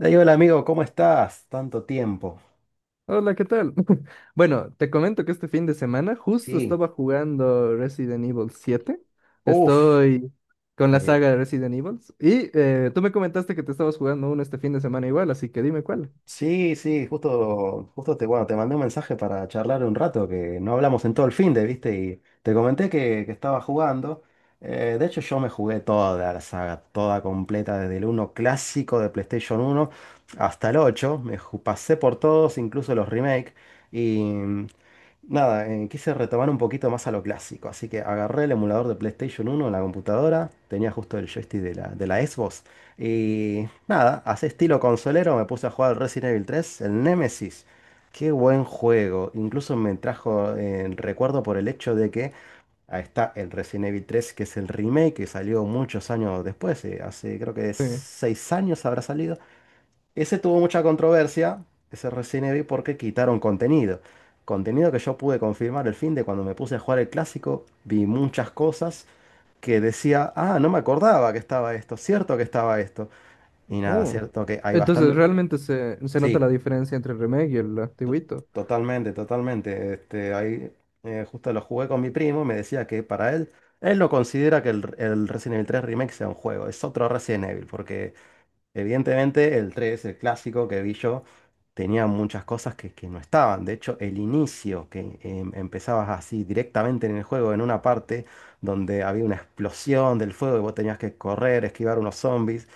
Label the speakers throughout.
Speaker 1: Ey, hola amigo, ¿cómo estás? Tanto tiempo.
Speaker 2: Hola, ¿qué tal? Bueno, te comento que este fin de semana justo
Speaker 1: Sí.
Speaker 2: estaba jugando Resident Evil 7.
Speaker 1: Uf.
Speaker 2: Estoy con la
Speaker 1: Sí,
Speaker 2: saga de Resident Evil. Tú me comentaste que te estabas jugando uno este fin de semana igual, así que dime cuál.
Speaker 1: sí, sí, justo, bueno, te mandé un mensaje para charlar un rato, que no hablamos en todo el fin de, ¿viste? Y te comenté que estaba jugando. De hecho, yo me jugué toda la saga, toda completa, desde el uno clásico de PlayStation uno hasta el 8. Pasé por todos, incluso los remakes. Y nada, quise retomar un poquito más a lo clásico, así que agarré el emulador de PlayStation uno en la computadora, tenía justo el joystick de la Xbox, y nada, así estilo consolero me puse a jugar Resident Evil tres, el Nemesis. Qué buen juego, incluso me trajo el recuerdo por el hecho de que ahí está el Resident Evil tres, que es el remake que salió muchos años después. Hace creo que
Speaker 2: Sí.
Speaker 1: 6 años habrá salido. Ese tuvo mucha controversia, ese Resident Evil, porque quitaron contenido. Contenido que yo pude confirmar el fin de, cuando me puse a jugar el clásico. Vi muchas cosas que decía, ah, no me acordaba que estaba esto, cierto que estaba esto. Y nada,
Speaker 2: Oh.
Speaker 1: cierto que hay
Speaker 2: Entonces,
Speaker 1: bastante.
Speaker 2: realmente se nota
Speaker 1: Sí,
Speaker 2: la diferencia entre el remake y el antiguito.
Speaker 1: totalmente, totalmente. Este, ahí justo lo jugué con mi primo, me decía que para él, él no considera que el Resident Evil 3 Remake sea un juego, es otro Resident Evil, porque evidentemente, el 3, el clásico que vi yo, tenía muchas cosas que no estaban. De hecho, el inicio, que empezabas así directamente en el juego, en una parte donde había una explosión del fuego y vos tenías que correr, esquivar unos zombies.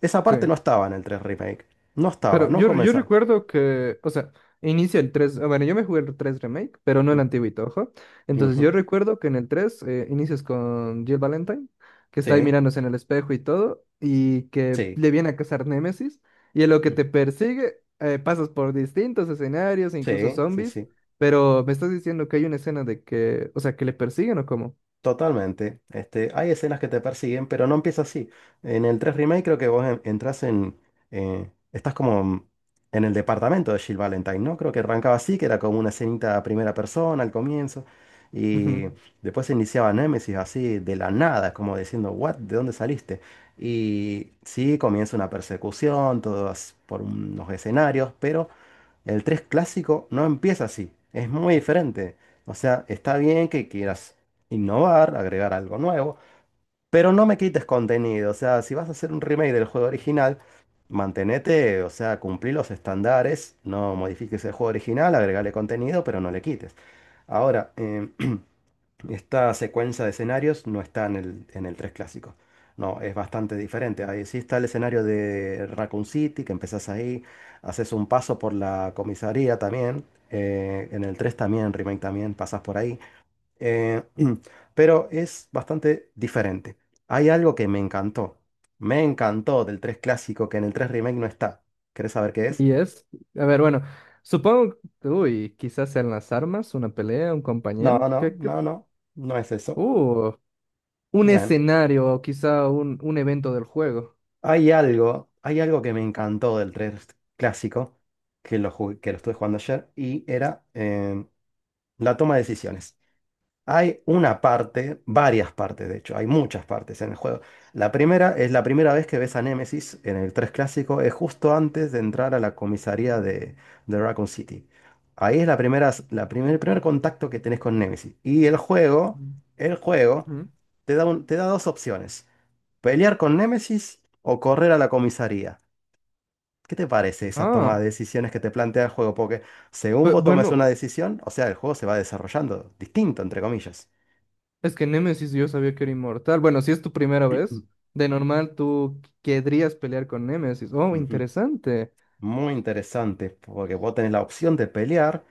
Speaker 1: Esa
Speaker 2: Sí.
Speaker 1: parte no estaba en el 3 Remake. No estaba,
Speaker 2: Pero
Speaker 1: no
Speaker 2: yo
Speaker 1: comenzaba.
Speaker 2: recuerdo que, o sea, inicia el 3 bueno, yo me jugué el 3 Remake, pero no el
Speaker 1: Mm,
Speaker 2: antiguito, ojo. Entonces yo
Speaker 1: ujú.
Speaker 2: recuerdo que en el 3 inicias con Jill Valentine, que está ahí
Speaker 1: Sí,
Speaker 2: mirándose en el espejo y todo, y que
Speaker 1: sí,
Speaker 2: le viene a cazar Némesis, y en lo que
Speaker 1: mm,
Speaker 2: te persigue pasas por distintos escenarios, incluso
Speaker 1: sí, sí,
Speaker 2: zombies,
Speaker 1: sí.
Speaker 2: pero me estás diciendo que hay una escena de que, o sea, que le persiguen o cómo.
Speaker 1: Totalmente. Este, hay escenas que te persiguen, pero no empieza así. En el 3 Remake creo que vos entras en, estás como en el departamento de Jill Valentine, ¿no? Creo que arrancaba así, que era como una escenita a primera persona al comienzo. Y
Speaker 2: Ujú.
Speaker 1: después se iniciaba Nemesis así de la nada, como diciendo, ¿what? ¿De dónde saliste? Y sí, comienza una persecución, todas por unos escenarios, pero el 3 clásico no empieza así, es muy diferente. O sea, está bien que quieras innovar, agregar algo nuevo, pero no me quites contenido. O sea, si vas a hacer un remake del juego original, mantenete, o sea, cumplí los estándares, no modifiques el juego original, agregale contenido, pero no le quites. Ahora, esta secuencia de escenarios no está en el 3 clásico. No, es bastante diferente. Ahí sí está el escenario de Raccoon City, que empezás ahí, haces un paso por la comisaría también. En el 3 también, en Remake también, pasas por ahí. eh, pero es bastante diferente. Hay algo que me encantó. Me encantó del 3 clásico, que en el 3 Remake no está. ¿Querés saber qué es?
Speaker 2: Y es, a ver, bueno, supongo, uy, quizás sean las armas, una pelea, un
Speaker 1: No,
Speaker 2: compañero.
Speaker 1: no,
Speaker 2: ¿Qué, qué
Speaker 1: no, no. No es eso.
Speaker 2: uh, un
Speaker 1: Bueno.
Speaker 2: escenario o quizá un evento del juego.
Speaker 1: Hay algo que me encantó del 3 clásico, que lo estuve jugando ayer, y era la toma de decisiones. Hay una parte, varias partes de hecho, hay muchas partes en el juego. La primera es la primera vez que ves a Nemesis en el 3 clásico, es justo antes de entrar a la comisaría de Raccoon City. Ahí es la primera, la primer, el primer contacto que tenés con Nemesis. Y el juego,
Speaker 2: Mm.
Speaker 1: el juego,
Speaker 2: Ujú.
Speaker 1: te da, te da dos opciones. ¿Pelear con Némesis o correr a la comisaría? ¿Qué te parece esa toma de
Speaker 2: Ah,
Speaker 1: decisiones que te plantea el juego? Porque según vos tomes una
Speaker 2: bueno,
Speaker 1: decisión, o sea, el juego se va desarrollando distinto, entre comillas.
Speaker 2: es que Nemesis yo sabía que era inmortal. Bueno, si es tu primera
Speaker 1: Ujú.
Speaker 2: vez, de normal tú querrías pelear con Nemesis. Oh,
Speaker 1: Ujú.
Speaker 2: interesante.
Speaker 1: Muy interesante, porque vos tenés la opción de pelear,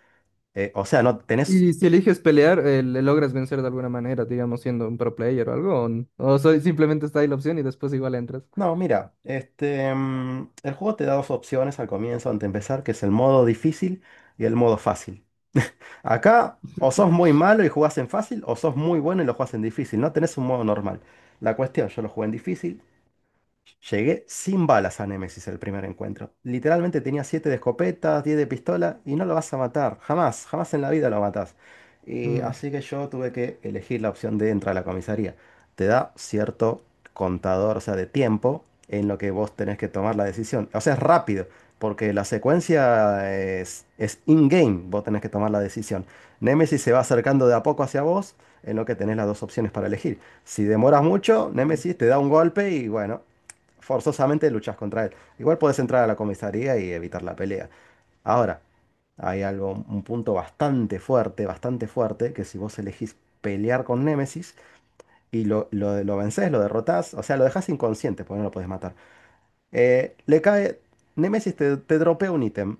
Speaker 1: o sea, no tenés.
Speaker 2: Y si eliges pelear, le logras vencer de alguna manera, digamos, siendo un pro player o algo. O, o simplemente está ahí la opción y después igual entras.
Speaker 1: No, mira, este, el juego te da dos opciones al comienzo, antes de empezar, que es el modo difícil y el modo fácil. Acá o sos muy malo y jugás en fácil, o sos muy bueno y lo jugás en difícil. No tenés un modo normal. La cuestión, yo lo jugué en difícil, llegué sin balas a Nemesis el primer encuentro. Literalmente tenía 7 de escopeta, 10 de pistola y no lo vas a matar. Jamás, jamás en la vida lo matás. Y
Speaker 2: Mm.
Speaker 1: así que yo tuve que elegir la opción de entrar a la comisaría. Te da cierto contador, o sea, de tiempo en lo que vos tenés que tomar la decisión. O sea, es rápido, porque la secuencia es in-game. Vos tenés que tomar la decisión. Nemesis se va acercando de a poco hacia vos, en lo que tenés las dos opciones para elegir. Si demoras mucho,
Speaker 2: Mm.
Speaker 1: Nemesis te da un golpe y, bueno, forzosamente luchas contra él. Igual puedes entrar a la comisaría y evitar la pelea. Ahora, hay algo, un punto bastante fuerte, que si vos elegís pelear con Némesis y lo vencés, lo derrotás, o sea, lo dejás inconsciente porque no lo podés matar. Le cae, Némesis te dropea un ítem,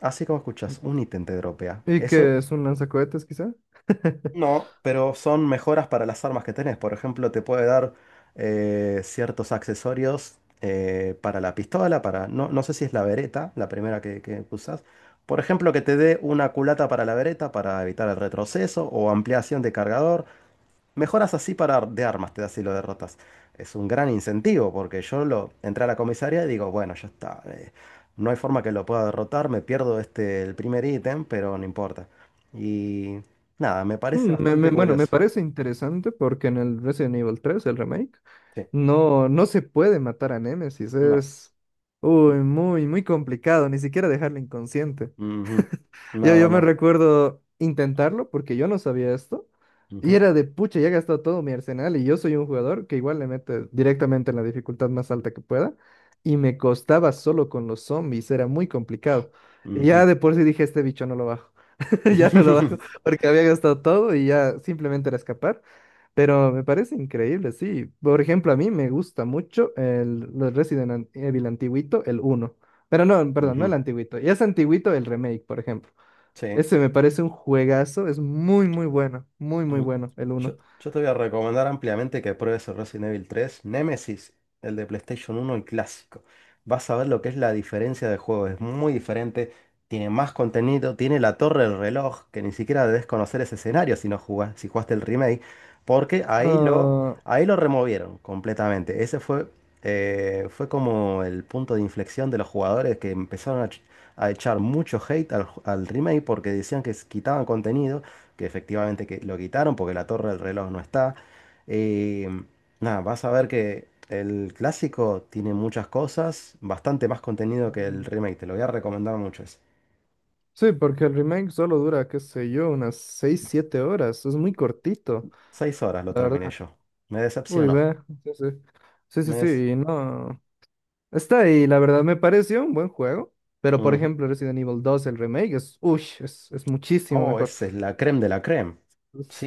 Speaker 1: así como escuchas, un ítem te dropea.
Speaker 2: ¿Y
Speaker 1: Eso.
Speaker 2: que es un lanzacohetes, quizá?
Speaker 1: No, pero son mejoras para las armas que tenés. Por ejemplo, te puede dar ciertos accesorios, para la pistola, para. No, no sé si es la vereta, la primera que usás. Por ejemplo, que te dé una culata para la vereta para evitar el retroceso o ampliación de cargador. Mejoras así para ar- de armas, te da si lo derrotas. Es un gran incentivo porque yo lo entré a la comisaría y digo, bueno, ya está. No hay forma que lo pueda derrotar, me pierdo este el primer ítem, pero no importa. Y nada, me parece
Speaker 2: Mm,
Speaker 1: bastante
Speaker 2: bueno, me
Speaker 1: curioso.
Speaker 2: parece interesante porque en el Resident Evil tres, el remake,
Speaker 1: Sí,
Speaker 2: no se puede matar a Nemesis.
Speaker 1: no.
Speaker 2: Es uy, muy, muy complicado, ni siquiera dejarlo inconsciente.
Speaker 1: Mm, ujú,
Speaker 2: Yo
Speaker 1: no,
Speaker 2: me
Speaker 1: no.
Speaker 2: recuerdo intentarlo porque yo no sabía esto. Y
Speaker 1: Ujú,
Speaker 2: era de pucha, ya he gastado todo mi arsenal y yo soy un jugador que igual le mete directamente en la dificultad más alta que pueda. Y me costaba solo con los zombies, era muy complicado. Y ya
Speaker 1: ujú,
Speaker 2: de por sí dije, este bicho no lo bajo. Ya no lo bajo porque había gastado todo y ya simplemente era escapar. Pero me parece increíble, sí. Por ejemplo, a mí me gusta mucho el, los Evil antiguito, el uno. Pero no, perdón, no el
Speaker 1: ujú.
Speaker 2: antiguito. Ya es antiguito el remake, por ejemplo.
Speaker 1: Sí.
Speaker 2: Ese me parece un juegazo, es muy, muy bueno, muy, muy
Speaker 1: Mm.
Speaker 2: bueno el uno.
Speaker 1: Yo te voy a recomendar ampliamente que pruebes el Resident Evil 3, Nemesis, el de PlayStation uno, el clásico. Vas a ver lo que es la diferencia de juego, es muy diferente, tiene más contenido, tiene la torre del reloj, que ni siquiera debes conocer ese escenario si no jugás, si jugaste el remake, porque
Speaker 2: Ah,
Speaker 1: ahí lo removieron completamente. Ese fue, fue como el punto de inflexión de los jugadores que empezaron a, a echar mucho hate al remake, porque decían que quitaban contenido, que efectivamente que lo quitaron, porque la torre del reloj no está. Eh, Nada, vas a ver que el clásico tiene muchas cosas, bastante más contenido que el
Speaker 2: mm,
Speaker 1: remake, te lo voy a recomendar mucho. Es
Speaker 2: sí, porque el remake solo dura, qué sé yo, unas 6 7 horas. Es muy cortito,
Speaker 1: 6 horas lo
Speaker 2: la
Speaker 1: terminé
Speaker 2: verdad.
Speaker 1: yo. Me
Speaker 2: Uy,
Speaker 1: decepcionó.
Speaker 2: ve. Sí, sí. Sí, sí,
Speaker 1: Me
Speaker 2: sí,
Speaker 1: des-
Speaker 2: y no. Está ahí, la verdad, me pareció un buen juego. Pero, por
Speaker 1: Ujú.
Speaker 2: ejemplo, Resident Evil dos el remake, es, uy, es muchísimo
Speaker 1: Oh,
Speaker 2: mejor.
Speaker 1: esa es la creme de la creme.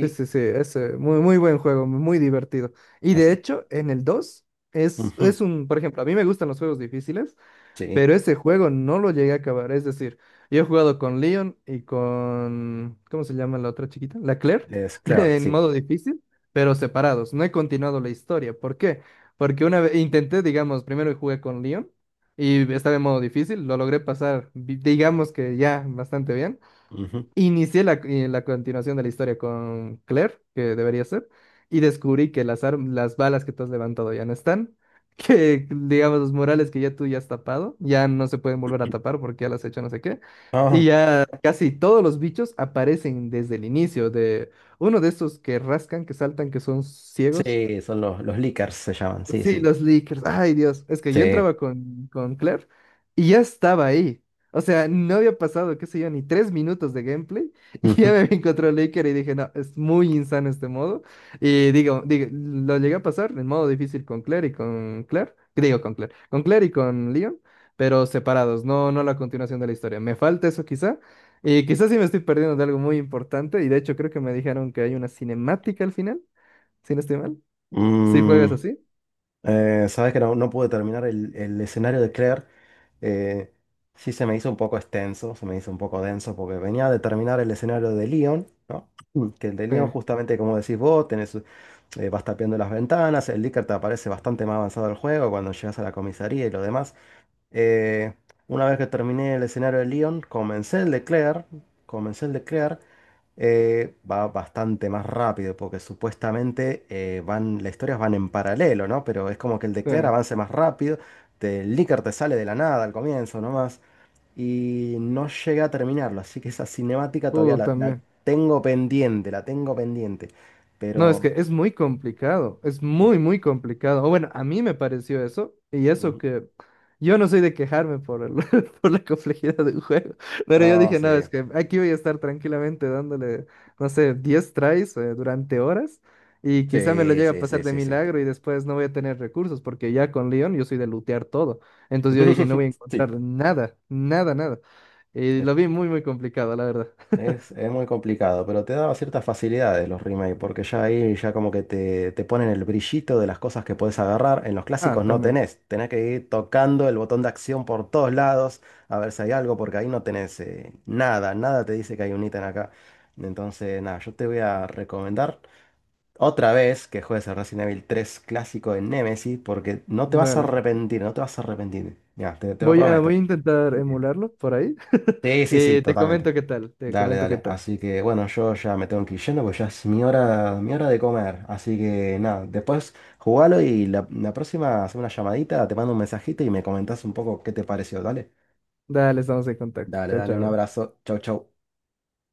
Speaker 2: Sí, sí, sí, es muy, muy buen juego, muy divertido. Y de
Speaker 1: así.
Speaker 2: hecho, en el 2
Speaker 1: Ujú.
Speaker 2: es un, por ejemplo, a mí me gustan los juegos difíciles.
Speaker 1: Sí,
Speaker 2: Pero ese juego no lo llegué a acabar. Es decir, yo he jugado con Leon y con... ¿Cómo se llama la otra chiquita? La Claire,
Speaker 1: es Claire,
Speaker 2: en
Speaker 1: sí.
Speaker 2: modo difícil, pero separados. No he continuado la historia. ¿Por qué? Porque una vez intenté, digamos, primero jugué con Leon y estaba en modo difícil, lo logré pasar, digamos que ya bastante bien.
Speaker 1: Ujú.
Speaker 2: Inicié la, la continuación de la historia con Claire, que debería ser, y descubrí que las balas que tú has levantado ya no están, que digamos los murales que ya tú ya has tapado, ya no se pueden volver a tapar porque ya las has hecho no sé qué, y
Speaker 1: Ah,
Speaker 2: ya casi todos los bichos aparecen desde el inicio de uno de estos que rascan, que saltan, que son ciegos.
Speaker 1: sí, son los leakers se llaman, sí,
Speaker 2: Sí,
Speaker 1: sí.
Speaker 2: los leakers. Ay, Dios. Es que yo
Speaker 1: Sí.
Speaker 2: entraba con Claire y ya estaba ahí. O sea, no había pasado, qué sé yo, ni 3 minutos de gameplay y ya
Speaker 1: Ujú.
Speaker 2: me encontró el leaker y dije, no, es muy insano este modo. Y digo, lo llegué a pasar en modo difícil con Claire y con Claire. Digo, con Claire. Con Claire y con Leon, pero separados, no la continuación de la historia. Me falta eso quizá. Y quizás sí me estoy perdiendo de algo muy importante y de hecho creo que me dijeron que hay una cinemática al final, si no estoy mal. Si juegas
Speaker 1: Mm.
Speaker 2: así.
Speaker 1: Sabes que no, no pude terminar el escenario de Claire. eh, sí, se me hizo un poco extenso, se me hizo un poco denso porque venía de terminar el escenario de Leon, ¿no? Que el de Leon,
Speaker 2: Sí.
Speaker 1: justamente como decís vos, tenés, vas tapeando las ventanas, el Licker te aparece bastante más avanzado el juego, cuando llegas a la comisaría y lo demás. Eh, una vez que terminé el escenario de Leon, comencé el de Claire, comencé el de Claire va bastante más rápido, porque supuestamente las historias van en paralelo, ¿no? Pero es como que el de
Speaker 2: Sí.
Speaker 1: Claire avance más rápido, el Licker te sale de la nada al comienzo nomás, y no llega a terminarlo, así que esa cinemática todavía la,
Speaker 2: También.
Speaker 1: la tengo pendiente,
Speaker 2: No, es que
Speaker 1: pero.
Speaker 2: es muy complicado, es
Speaker 1: Sí.
Speaker 2: muy, muy complicado. O bueno, a mí me pareció eso, y eso
Speaker 1: Ujú.
Speaker 2: que yo no soy de quejarme por el, por la complejidad del juego, pero yo
Speaker 1: Ah,
Speaker 2: dije,
Speaker 1: sí,
Speaker 2: no, es que aquí voy a estar tranquilamente dándole, no sé, 10 tries durante horas, y quizá me lo
Speaker 1: sí,
Speaker 2: llegue a
Speaker 1: sí,
Speaker 2: pasar
Speaker 1: sí,
Speaker 2: de
Speaker 1: sí, sí.
Speaker 2: milagro y después no voy a tener recursos, porque ya con Leon yo soy de lootear todo. Entonces yo dije, no voy a
Speaker 1: Sí.
Speaker 2: encontrar nada, nada, nada. Y lo vi muy, muy complicado, la verdad.
Speaker 1: Es muy complicado, pero te daba ciertas facilidades los remakes, porque ya ahí ya como que te ponen el brillito de las cosas que puedes agarrar. En los
Speaker 2: Ah,
Speaker 1: clásicos no
Speaker 2: también.
Speaker 1: tenés, tenés que ir tocando el botón de acción por todos lados, a ver si hay algo, porque ahí no tenés nada, nada te dice que hay un ítem acá. Entonces, nada, yo te voy a recomendar otra vez que juegues el Resident Evil tres clásico, en Nemesis, porque no te vas a
Speaker 2: Dale.
Speaker 1: arrepentir, no te vas a arrepentir. Ya, te lo
Speaker 2: Voy a,
Speaker 1: prometo.
Speaker 2: voy a intentar
Speaker 1: Así que-
Speaker 2: emularlo por ahí.
Speaker 1: Sí, sí, sí,
Speaker 2: Y te
Speaker 1: totalmente.
Speaker 2: comento qué tal, te
Speaker 1: Dale,
Speaker 2: comento qué
Speaker 1: dale.
Speaker 2: tal.
Speaker 1: Así que bueno, yo ya me tengo que ir yendo porque ya es mi hora de comer. Así que nada, después jugalo y la próxima hace una llamadita, te mando un mensajito y me comentás un poco qué te pareció. Dale.
Speaker 2: Dale, estamos en contacto.
Speaker 1: Dale,
Speaker 2: Chao,
Speaker 1: dale, un
Speaker 2: chao.
Speaker 1: abrazo. Chau, chau.